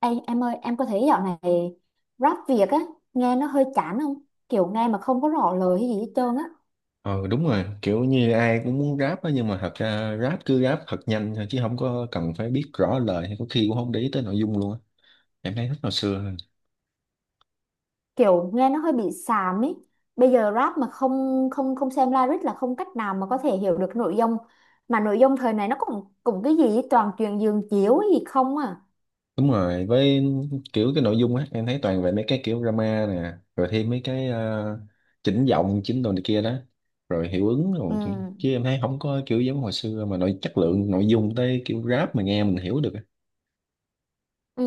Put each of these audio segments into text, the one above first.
Ê, em ơi, em có thấy dạo này rap Việt á, nghe nó hơi chán không? Kiểu nghe mà không có rõ lời hay gì hết trơn á. Ờ đúng rồi, kiểu như ai cũng muốn rap á nhưng mà thật ra rap cứ rap thật nhanh thôi chứ không có cần phải biết rõ lời hay có khi cũng không để ý tới nội dung luôn á. Em thấy thích hồi xưa hơn. Kiểu nghe nó hơi bị xàm ấy. Bây giờ rap mà không không không xem lyric là không cách nào mà có thể hiểu được nội dung. Mà nội dung thời này nó cũng cũng cái gì ấy, toàn chuyện giường chiếu ấy gì không à. Đúng rồi, với kiểu cái nội dung á em thấy toàn về mấy cái kiểu drama nè, rồi thêm mấy cái chỉnh giọng, chỉnh đồ này kia đó, rồi hiệu ứng Ừ. rồi chứ em thấy không có kiểu giống hồi xưa mà nội chất lượng nội dung tới kiểu rap mà nghe mình hiểu được á. Ừ.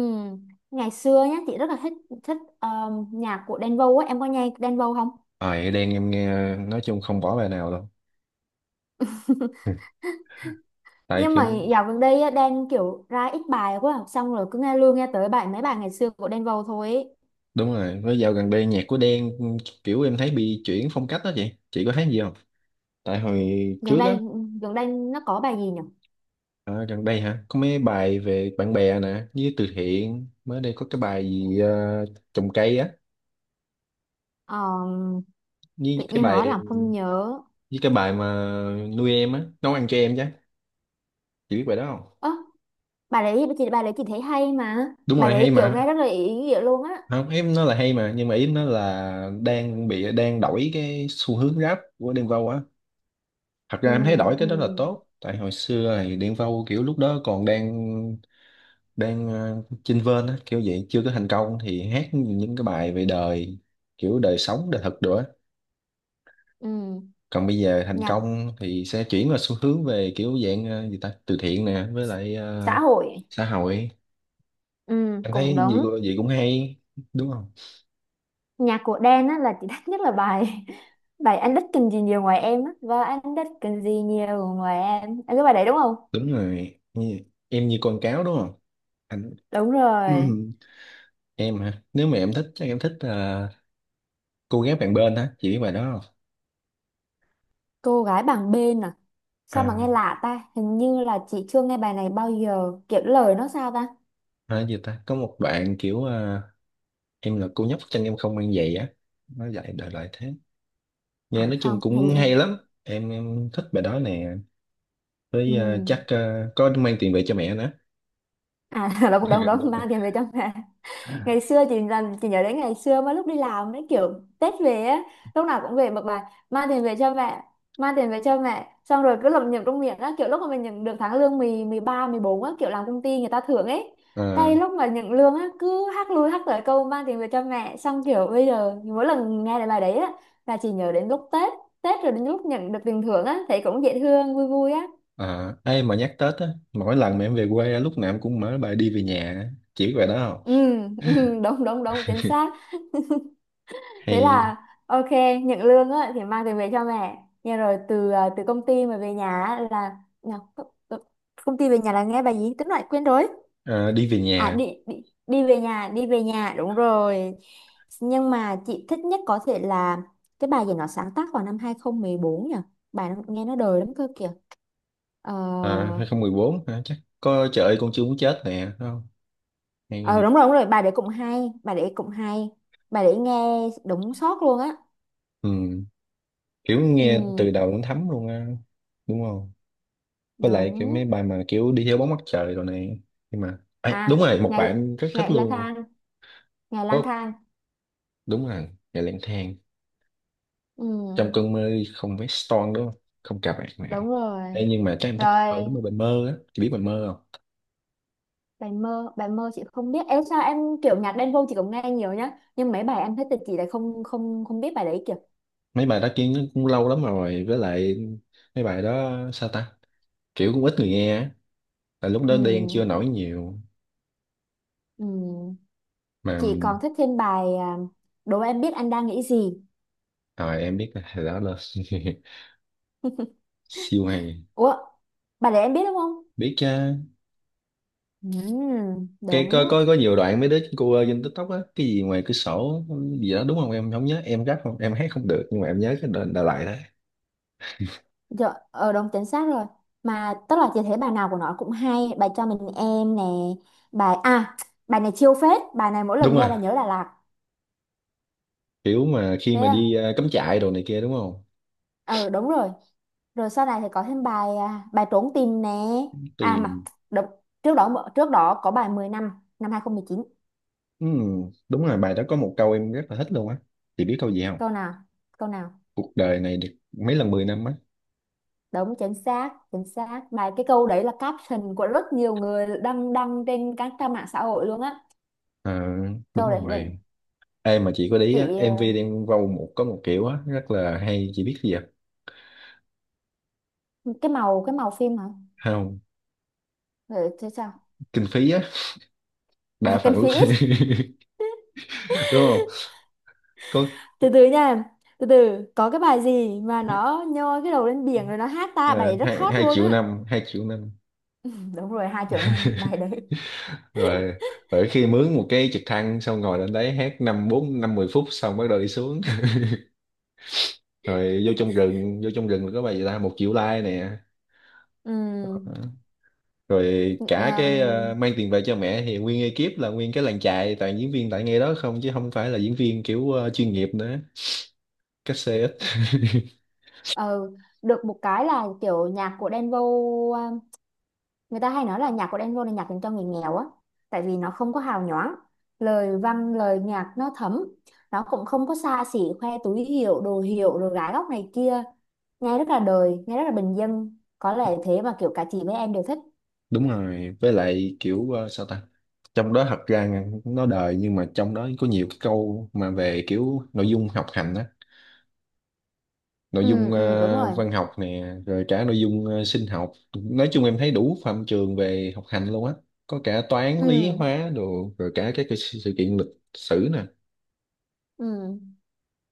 Ngày xưa nhá, chị rất là thích thích nhạc của Đen Vâu á, em có nghe Đen Vâu không? Ờ à, đen em nghe nói chung không bỏ bài nào đâu. Tại Nhưng kiểu mà dạo gần đây á, Đen kiểu ra ít bài quá à. Xong rồi cứ nghe luôn nghe tới bài mấy bài ngày xưa của Đen Vâu thôi ý. đúng rồi với dạo gần đây nhạc của Đen kiểu em thấy bị chuyển phong cách đó chị có thấy gì không tại hồi gần trước á. đây gần đây nó có bài gì nhỉ? À, gần đây hả có mấy bài về bạn bè nè với từ thiện mới đây có cái bài gì trồng cây á Ờ, với tự cái nhiên nói bài là không nhớ. với cái bài mà nuôi em á nấu ăn cho em chứ chị biết bài đó không. Ơ, bài đấy chị thấy hay, mà Đúng bài rồi hay đấy kiểu nghe mà, rất là ý nghĩa luôn á. không em nói là hay mà nhưng mà ý em nói là đang bị đang đổi cái xu hướng rap của Đen Vâu á. Thật Ừ, ra em thấy đổi ừ, cái đó là tốt tại hồi xưa thì Đen Vâu kiểu lúc đó còn đang đang ờ, chênh vênh á kiểu vậy chưa có thành công thì hát những cái bài về đời kiểu đời sống đời thực nữa. ừ. Còn bây giờ thành Nhạc công thì sẽ chuyển vào xu hướng về kiểu dạng gì ta từ thiện nè với lại xã hội. xã hội. Ừ, Anh cũng thấy đúng. Gì cũng hay đúng không. Nhạc của Đen á là chị thích nhất là bài bài anh đích cần gì nhiều ngoài em á và anh đích cần gì nhiều ngoài em à, cái bài đấy đúng không? Đúng rồi. Em như con cáo đúng không anh. Đúng rồi. Em hả nếu mà em thích chắc em thích cô gái bạn bên hả chị biết bài đó không. Cô gái bằng bên à? Sao à, mà nghe lạ ta, hình như là chị chưa nghe bài này bao giờ, kiểu lời nó sao ta. à gì ta có một bạn kiểu em là cô nhóc chân em không mang giày á, nó dạy đời lại thế nghe À nói chung không, hình cũng như. hay lắm. Em thích bài đó nè Ừ. với chắc có mang tiền về cho mẹ nữa. À là cũng đúng Đúng đúng, rồi. mang tiền về trong nhà. Ngày xưa chị làm, chị nhớ đến ngày xưa mà lúc đi làm đấy, kiểu Tết về á, lúc nào cũng về một bài mang tiền về cho mẹ, mang tiền về cho mẹ, xong rồi cứ lẩm nhẩm trong miệng á, kiểu lúc mà mình nhận được tháng lương 10, 13, 14 á, kiểu làm công ty người ta thưởng ấy. à, Cái lúc mà nhận lương á cứ hát lui hát tới câu mang tiền về cho mẹ, xong kiểu bây giờ mỗi lần nghe lại bài đấy á là chị nhớ đến lúc Tết. Tết rồi đến lúc nhận được tiền thưởng á thấy cũng dễ thương, vui vui á. Ai mà nhắc Tết á, mỗi lần mà em về quê á, lúc nào em cũng mở bài đi về nhà á. Chỉ biết bài đó không. Ừ, ừ, đúng đúng đúng, chính xác. Thế Hay. là ok. Nhận lương á thì mang tiền về cho mẹ, nhưng rồi từ công ty mà về nhà á là nhờ, co- co- công ty về nhà là nghe bài gì tính lại quên rồi. Ờ, đi về à nhà. đi, đi đi về nhà, đi về nhà, đúng rồi. Nhưng mà chị thích nhất có thể là cái bài gì nó sáng tác vào năm 2014 nhỉ? Bài nó, nghe nó đời lắm cơ kìa. Ờ. Ờ, 2014 hả chắc có trời ơi con chưa muốn chết nè đúng không. Ờ, Hay, đúng rồi đúng rồi, bài đấy cũng hay, bài đấy cũng hay. Bài đấy nghe đúng sót luôn á. ừ, kiểu nghe từ Ừ. đầu đến thấm luôn á đúng không. Với lại cái Đúng. mấy bài mà kiểu đi theo bóng mặt trời rồi này, nhưng mà Ê, đúng À rồi một ngày, bạn rất thích ngày lang luôn. thang, ngày lang Có, thang. đúng rồi ngày lang thang Ừ, trong cơn mơ không phải Stone đúng không không cà bạn mẹ. đúng rồi. Ê, nhưng mà chắc em thích ở Rồi đúng rồi bài mơ á chị biết bài mơ không. bài mơ, bài mơ chị không biết. Ê, sao em, kiểu nhạc Đen Vâu chị cũng nghe nhiều nhá, nhưng mấy bài em thích thì chị lại không không không biết bài đấy kìa. Mấy bài đó kia nó cũng lâu lắm rồi với lại mấy bài đó sao ta kiểu cũng ít người nghe á tại lúc Ừ. đó đen chưa nổi nhiều Ừ. mà Chị còn thích thêm bài đố em biết anh đang nghĩ gì. rồi em biết là hồi đó là siêu hay. Ủa, bài đấy em biết đúng không? Biết chứ. Ừ. Cái Đúng. có nhiều đoạn mấy đứa cô ơi trên TikTok á cái gì ngoài cửa sổ gì đó đúng không em không nhớ em rap không em hát không được nhưng mà em nhớ cái đoạn Đà Lạt đó. Dạ, đúng chính xác rồi. Mà tức là chị thấy bài nào của nó cũng hay, bài cho mình em nè, bài à, bài này chiêu phết, bài này mỗi Đúng lần nghe rồi là nhớ Đà Lạt. kiểu mà khi Thế mà à? đi cắm trại đồ này kia đúng không. Ờ đúng rồi. Rồi sau này thì có thêm bài trốn tìm nè. À mà Thì đúng, trước đó có bài 10 năm, năm 2019. ừm, đúng rồi bài đó có một câu em rất là thích luôn á chị biết câu gì không. Câu nào? Câu nào? Cuộc đời này được mấy lần 10 năm á. Đúng chính xác, chính xác. Mà cái câu đấy là caption của rất nhiều người đăng đăng trên các trang mạng xã hội luôn á. Ờ, Câu đấy đúng là rồi. Em mà chị có để ý á MV chị, Đen Vâu một có một kiểu á rất là hay chị biết gì vậy ờ, cái màu phim hả? không. Ừ. Kinh phí á đa À, phần Cần Phí lúc ít. đúng không có. Từ từ nha. Từ từ. Có cái bài gì mà nó nhô cái đầu lên biển rồi nó hát ta, bài Ờ, đấy rất hai hot hai luôn triệu á. năm, 2 triệu năm Đúng rồi, 2 triệu năm bài đấy. rồi. Rồi khi mướn một cái trực thăng xong ngồi lên đấy hát năm bốn năm mười phút xong bắt đầu đi xuống. Rồi vô trong rừng, vô trong rừng là có bài gì ta 1 triệu like nè. Đó. Ừm. Rồi cả cái Em, mang tiền về cho mẹ thì nguyên ekip là nguyên cái làng chài toàn diễn viên tại ngay đó không chứ không phải là diễn viên kiểu chuyên nghiệp nữa. Cách xe ít. ờ. Được một cái là kiểu nhạc của Đen Vâu à, người ta hay nói là nhạc của Đen Vâu là nhạc dành cho người nghèo á. Tại vì nó không có hào nhoáng, lời văn, lời nhạc nó thấm. Nó cũng không có xa xỉ khoe túi hiệu, đồ hiệu rồi gái góc này kia. Nghe rất là đời, nghe rất là bình dân. Có lẽ thế mà kiểu cả chị với em đều thích. Đúng rồi với lại kiểu sao ta, trong đó thật ra nó đời nhưng mà trong đó có nhiều cái câu mà về kiểu nội dung học hành á, nội Ừ. dung Ừ, đúng rồi. văn học nè rồi cả nội dung sinh học. Nói chung em thấy đủ phạm trường về học hành luôn á, có cả toán lý Ừ. hóa đồ rồi cả các cái sự sự kiện lịch sử nè. Ừ.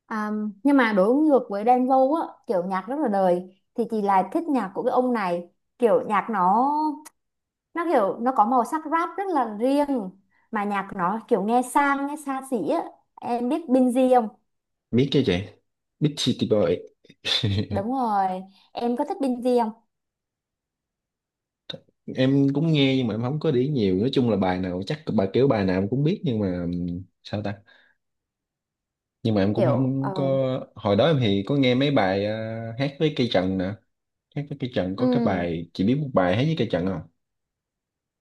À, nhưng mà đối ngược với Đen Vâu á, kiểu nhạc rất là đời, thì chị lại thích nhạc của cái ông này. Kiểu nhạc nó kiểu nó có màu sắc rap rất là riêng, mà nhạc nó kiểu nghe sang, nghe xa xỉ á. Em biết Binz không? Biết chứ chị, biết City Boy. Đúng rồi. Em có thích Binz không? Em cũng nghe nhưng mà em không có để ý nhiều nói chung là bài nào chắc bài kiểu bài nào em cũng biết nhưng mà sao ta nhưng mà em cũng Kiểu không có. Hồi đó em thì có nghe mấy bài hát với cây trần nè, hát với cây trần có cái ừ, bài chị biết một bài hát với cây trần không.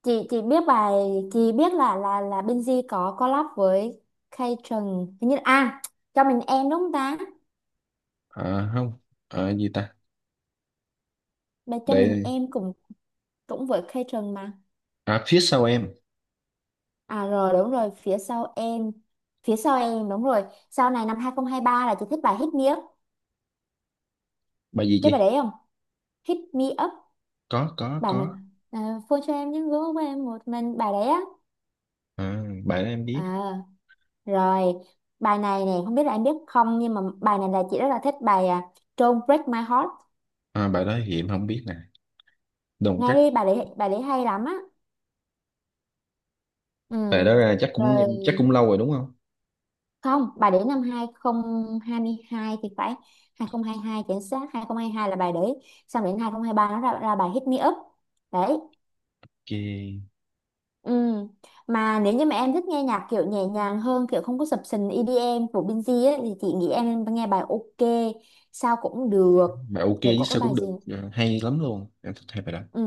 chị biết bài chị biết là Binz có collab với Kay Trần hình như, à, cho mình em đúng không ta? À không. À, gì ta Bài cho mình đây. em cũng cũng với catering mà. À phía sau em. À rồi, đúng rồi, phía sau em, phía sau em, đúng rồi. Sau này năm 2023 là chị thích bài Hit Me Up. Bài gì Biết bài chị. đấy không? Hit Me Up, có có bài mà, có phone cho em những gỗ của em một mình, bài đấy á. À, bài đó em biết. À rồi. Bài này nè, không biết là em biết không, nhưng mà bài này là chị rất là thích, bài Don't Break My Heart. À, bài đó thì em không biết nè, đồng Nghe cát. đi, bài đấy hay lắm á. Bài Ừ. đó ra chắc cũng em Rồi. chắc cũng lâu rồi đúng không. Không, bà để năm 2022 thì phải. 2022 chính xác, 2022 là bà để. Xong đến 2023 nó ra, bài Hit Me Up đấy. Ok. Ừ. Mà nếu như mà em thích nghe nhạc kiểu nhẹ nhàng hơn, kiểu không có sập sình EDM của Binz ấy, thì chị nghĩ em nghe bài OK sao cũng được. Bài ok Rồi chứ có cái sao bài cũng gì. được, à, hay lắm luôn em thích hai bài đó. Ừ.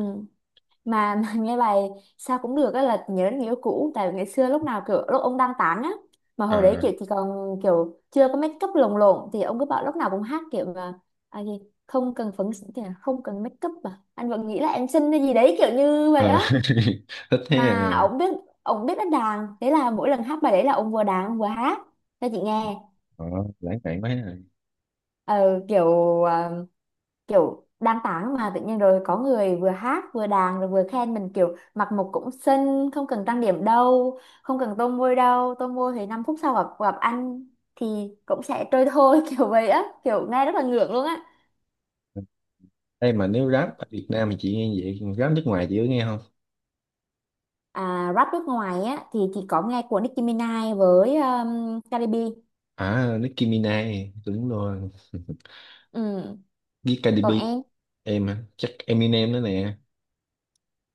Mà, mà nghe bài sao cũng được á là nhớ đến người yêu cũ, tại vì ngày xưa lúc nào kiểu lúc ông đang tán á, mà hồi đấy À, kiểu chỉ còn kiểu chưa có make up lồng lộn thì ông cứ bảo lúc nào cũng hát kiểu mà, à gì không cần phấn, thì là không cần make up, à anh vẫn nghĩ là em xinh hay gì đấy, kiểu như vậy à á. thích thế Mà à. ông biết đánh đàn, thế là mỗi lần hát bài đấy là ông vừa đàn ông vừa hát cho chị nghe. Ờ, lãng mạn quá à. Ờ, kiểu ờ, kiểu đang tán mà tự nhiên rồi có người vừa hát vừa đàn rồi vừa khen mình, kiểu mặc một cũng xinh, không cần trang điểm đâu, không cần tô môi đâu, tô môi thì 5 phút sau gặp gặp anh thì cũng sẽ trôi thôi kiểu vậy á, kiểu nghe rất là ngượng luôn á. Đây mà nếu rap ở Việt Nam thì chị nghe vậy còn rap nước ngoài chị có nghe không. À, rap nước ngoài á thì chỉ có nghe của Nicki Minaj với Cardi B. À Nicki Minaj đúng rồi Ừ. với Cardi B. Còn em. Em à, chắc Eminem nữa nè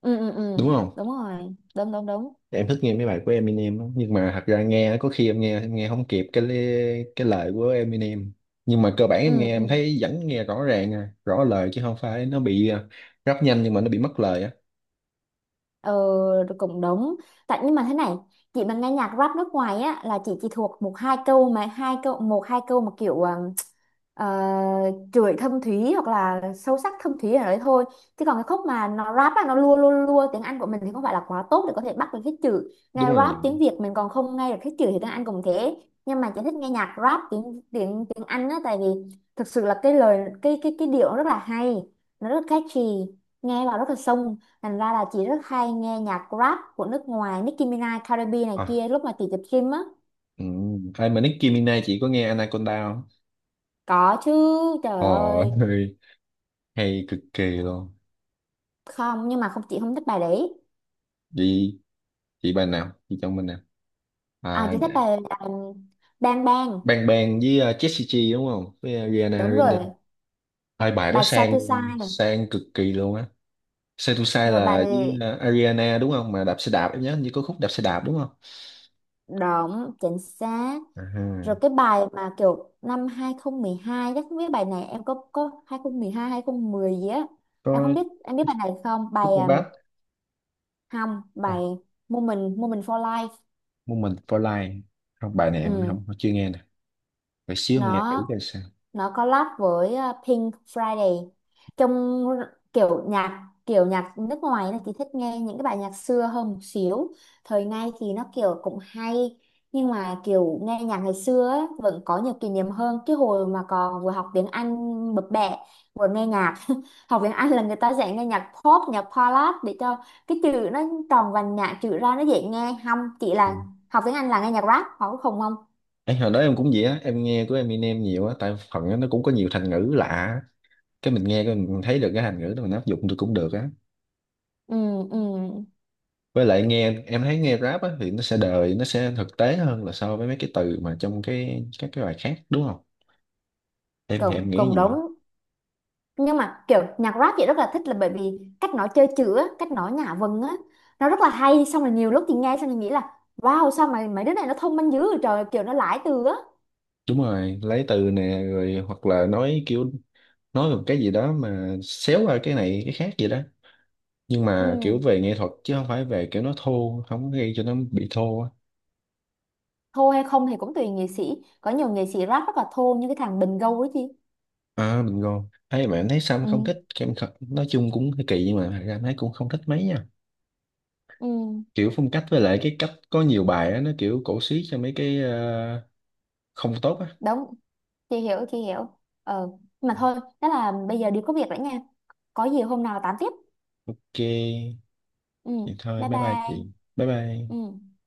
Ừ, ừ, ừ. đúng không. Đúng rồi, đúng đúng đúng. Em thích nghe mấy bài của Eminem á, nhưng mà thật ra nghe có khi em nghe không kịp cái cái lời của Eminem nhưng mà cơ bản em nghe Ừ, ừ. em thấy vẫn nghe rõ ràng, rõ lời chứ không phải nó bị rap nhanh nhưng mà nó bị mất lời á. Ờ rồi, cũng đúng. Tại nhưng mà thế này, chị mà nghe nhạc rap nước ngoài á là chị chỉ thuộc một hai câu, mà hai câu, một hai câu mà kiểu chửi thâm thúy hoặc là sâu sắc thâm thúy ở đấy thôi, chứ còn cái khúc mà nó rap á nó lua lua lua, tiếng Anh của mình thì không phải là quá tốt để có thể bắt được hết chữ. Nghe Đúng rồi. rap tiếng Việt mình còn không nghe được hết chữ thì tiếng Anh cũng thế. Nhưng mà chị thích nghe nhạc rap tiếng tiếng tiếng Anh á, tại vì thực sự là cái lời, cái điệu nó rất là hay, nó rất catchy, nghe vào rất là sông. Thành ra là chị rất hay nghe nhạc rap của nước ngoài, Nicki Minaj, Cardi B này à, kia, lúc mà chị tập gym á. ừ. Ai mà Nicki Minaj chị có nghe Anaconda không. Có chứ. Trời Ồ, ơi. hay, hay cực kỳ luôn. Không, nhưng mà không, chị không thích bài đấy. Chị chị bài nào? Chị chọn bên nào? À À, chị thích để- bài là Bang Bang. Bang Bang với Jessie J đúng không? Với Rihanna Đúng Grande. rồi. Hai bài đó Bài Sai sang, Tôi Sai này. sang cực kỳ luôn á. Sai tu sai Rồi là bài với Ariana đúng không mà đạp xe đạp em nhớ hình như có khúc đạp xe đạp đúng không. Động Chính Xác. à, Rồi cái bài mà kiểu năm 2012, chắc không biết bài này em có, 2012, 2010 gì á. Em có không biết em biết bài này không? Bài Super Bad. không, bài à, Moment Moment for Life. Moment for Life không bài này em Ừ. không chưa nghe nè, phải xíu nghe thử Nó coi sao. nó collab với Pink Friday. Trong kiểu nhạc nước ngoài này thì thích nghe những cái bài nhạc xưa hơn một xíu, thời nay thì nó kiểu cũng hay. Nhưng mà kiểu nghe nhạc ngày xưa á, vẫn có nhiều kỷ niệm hơn, cái hồi mà còn vừa học tiếng Anh bập bẹ, vừa nghe nhạc. Học tiếng Anh là người ta sẽ nghe nhạc pop, nhạc ballad để cho cái chữ nó tròn vành nhạc chữ ra, nó dễ nghe, không chị, Ừ. là học tiếng Anh là nghe nhạc rap họ cũng không không. Ê, hồi đó em cũng vậy á em nghe của Eminem nhiều á tại phần á, nó cũng có nhiều thành ngữ lạ á, cái mình nghe cái mình thấy được cái thành ngữ đó mình áp dụng được cũng được á. Ừ, ừ. Với lại nghe em thấy nghe rap á thì nó sẽ đời nó sẽ thực tế hơn là so với mấy cái từ mà trong cái các cái bài khác đúng không. Em thì em cộng nghĩ cộng đồng. gì. Nhưng mà kiểu nhạc rap chị rất là thích là bởi vì cách nó chơi chữ á, cách nó nhả vần á, nó rất là hay. Xong rồi nhiều lúc thì nghe xong thì nghĩ là wow, sao mà mấy đứa này nó thông minh dữ vậy trời, kiểu nó lãi từ á. Đúng rồi, lấy từ nè rồi hoặc là nói kiểu nói một cái gì đó mà xéo qua cái này cái khác gì đó, nhưng mà kiểu Ừ. về nghệ thuật chứ không phải về kiểu nó thô không có gây cho nó bị thô á. Thô hay không thì cũng tùy nghệ sĩ, có nhiều nghệ sĩ rap rất là thô như cái thằng Bình Gâu ấy chị. À mình ngon thấy mà em thấy Sam không Ừ. thích, em nói chung cũng hơi kỳ nhưng mà thật ra em thấy cũng không thích mấy nha, Ừ. kiểu phong cách với lại cái cách có nhiều bài á nó kiểu cổ xí cho mấy cái không tốt á. Đúng, chị hiểu chị hiểu. Ờ, mà thôi, đó là bây giờ đi có việc rồi nha. Có gì hôm nào tám tiếp. Ok Ừ. vậy thôi Bye bye bye bye. chị, bye bye. Ừ.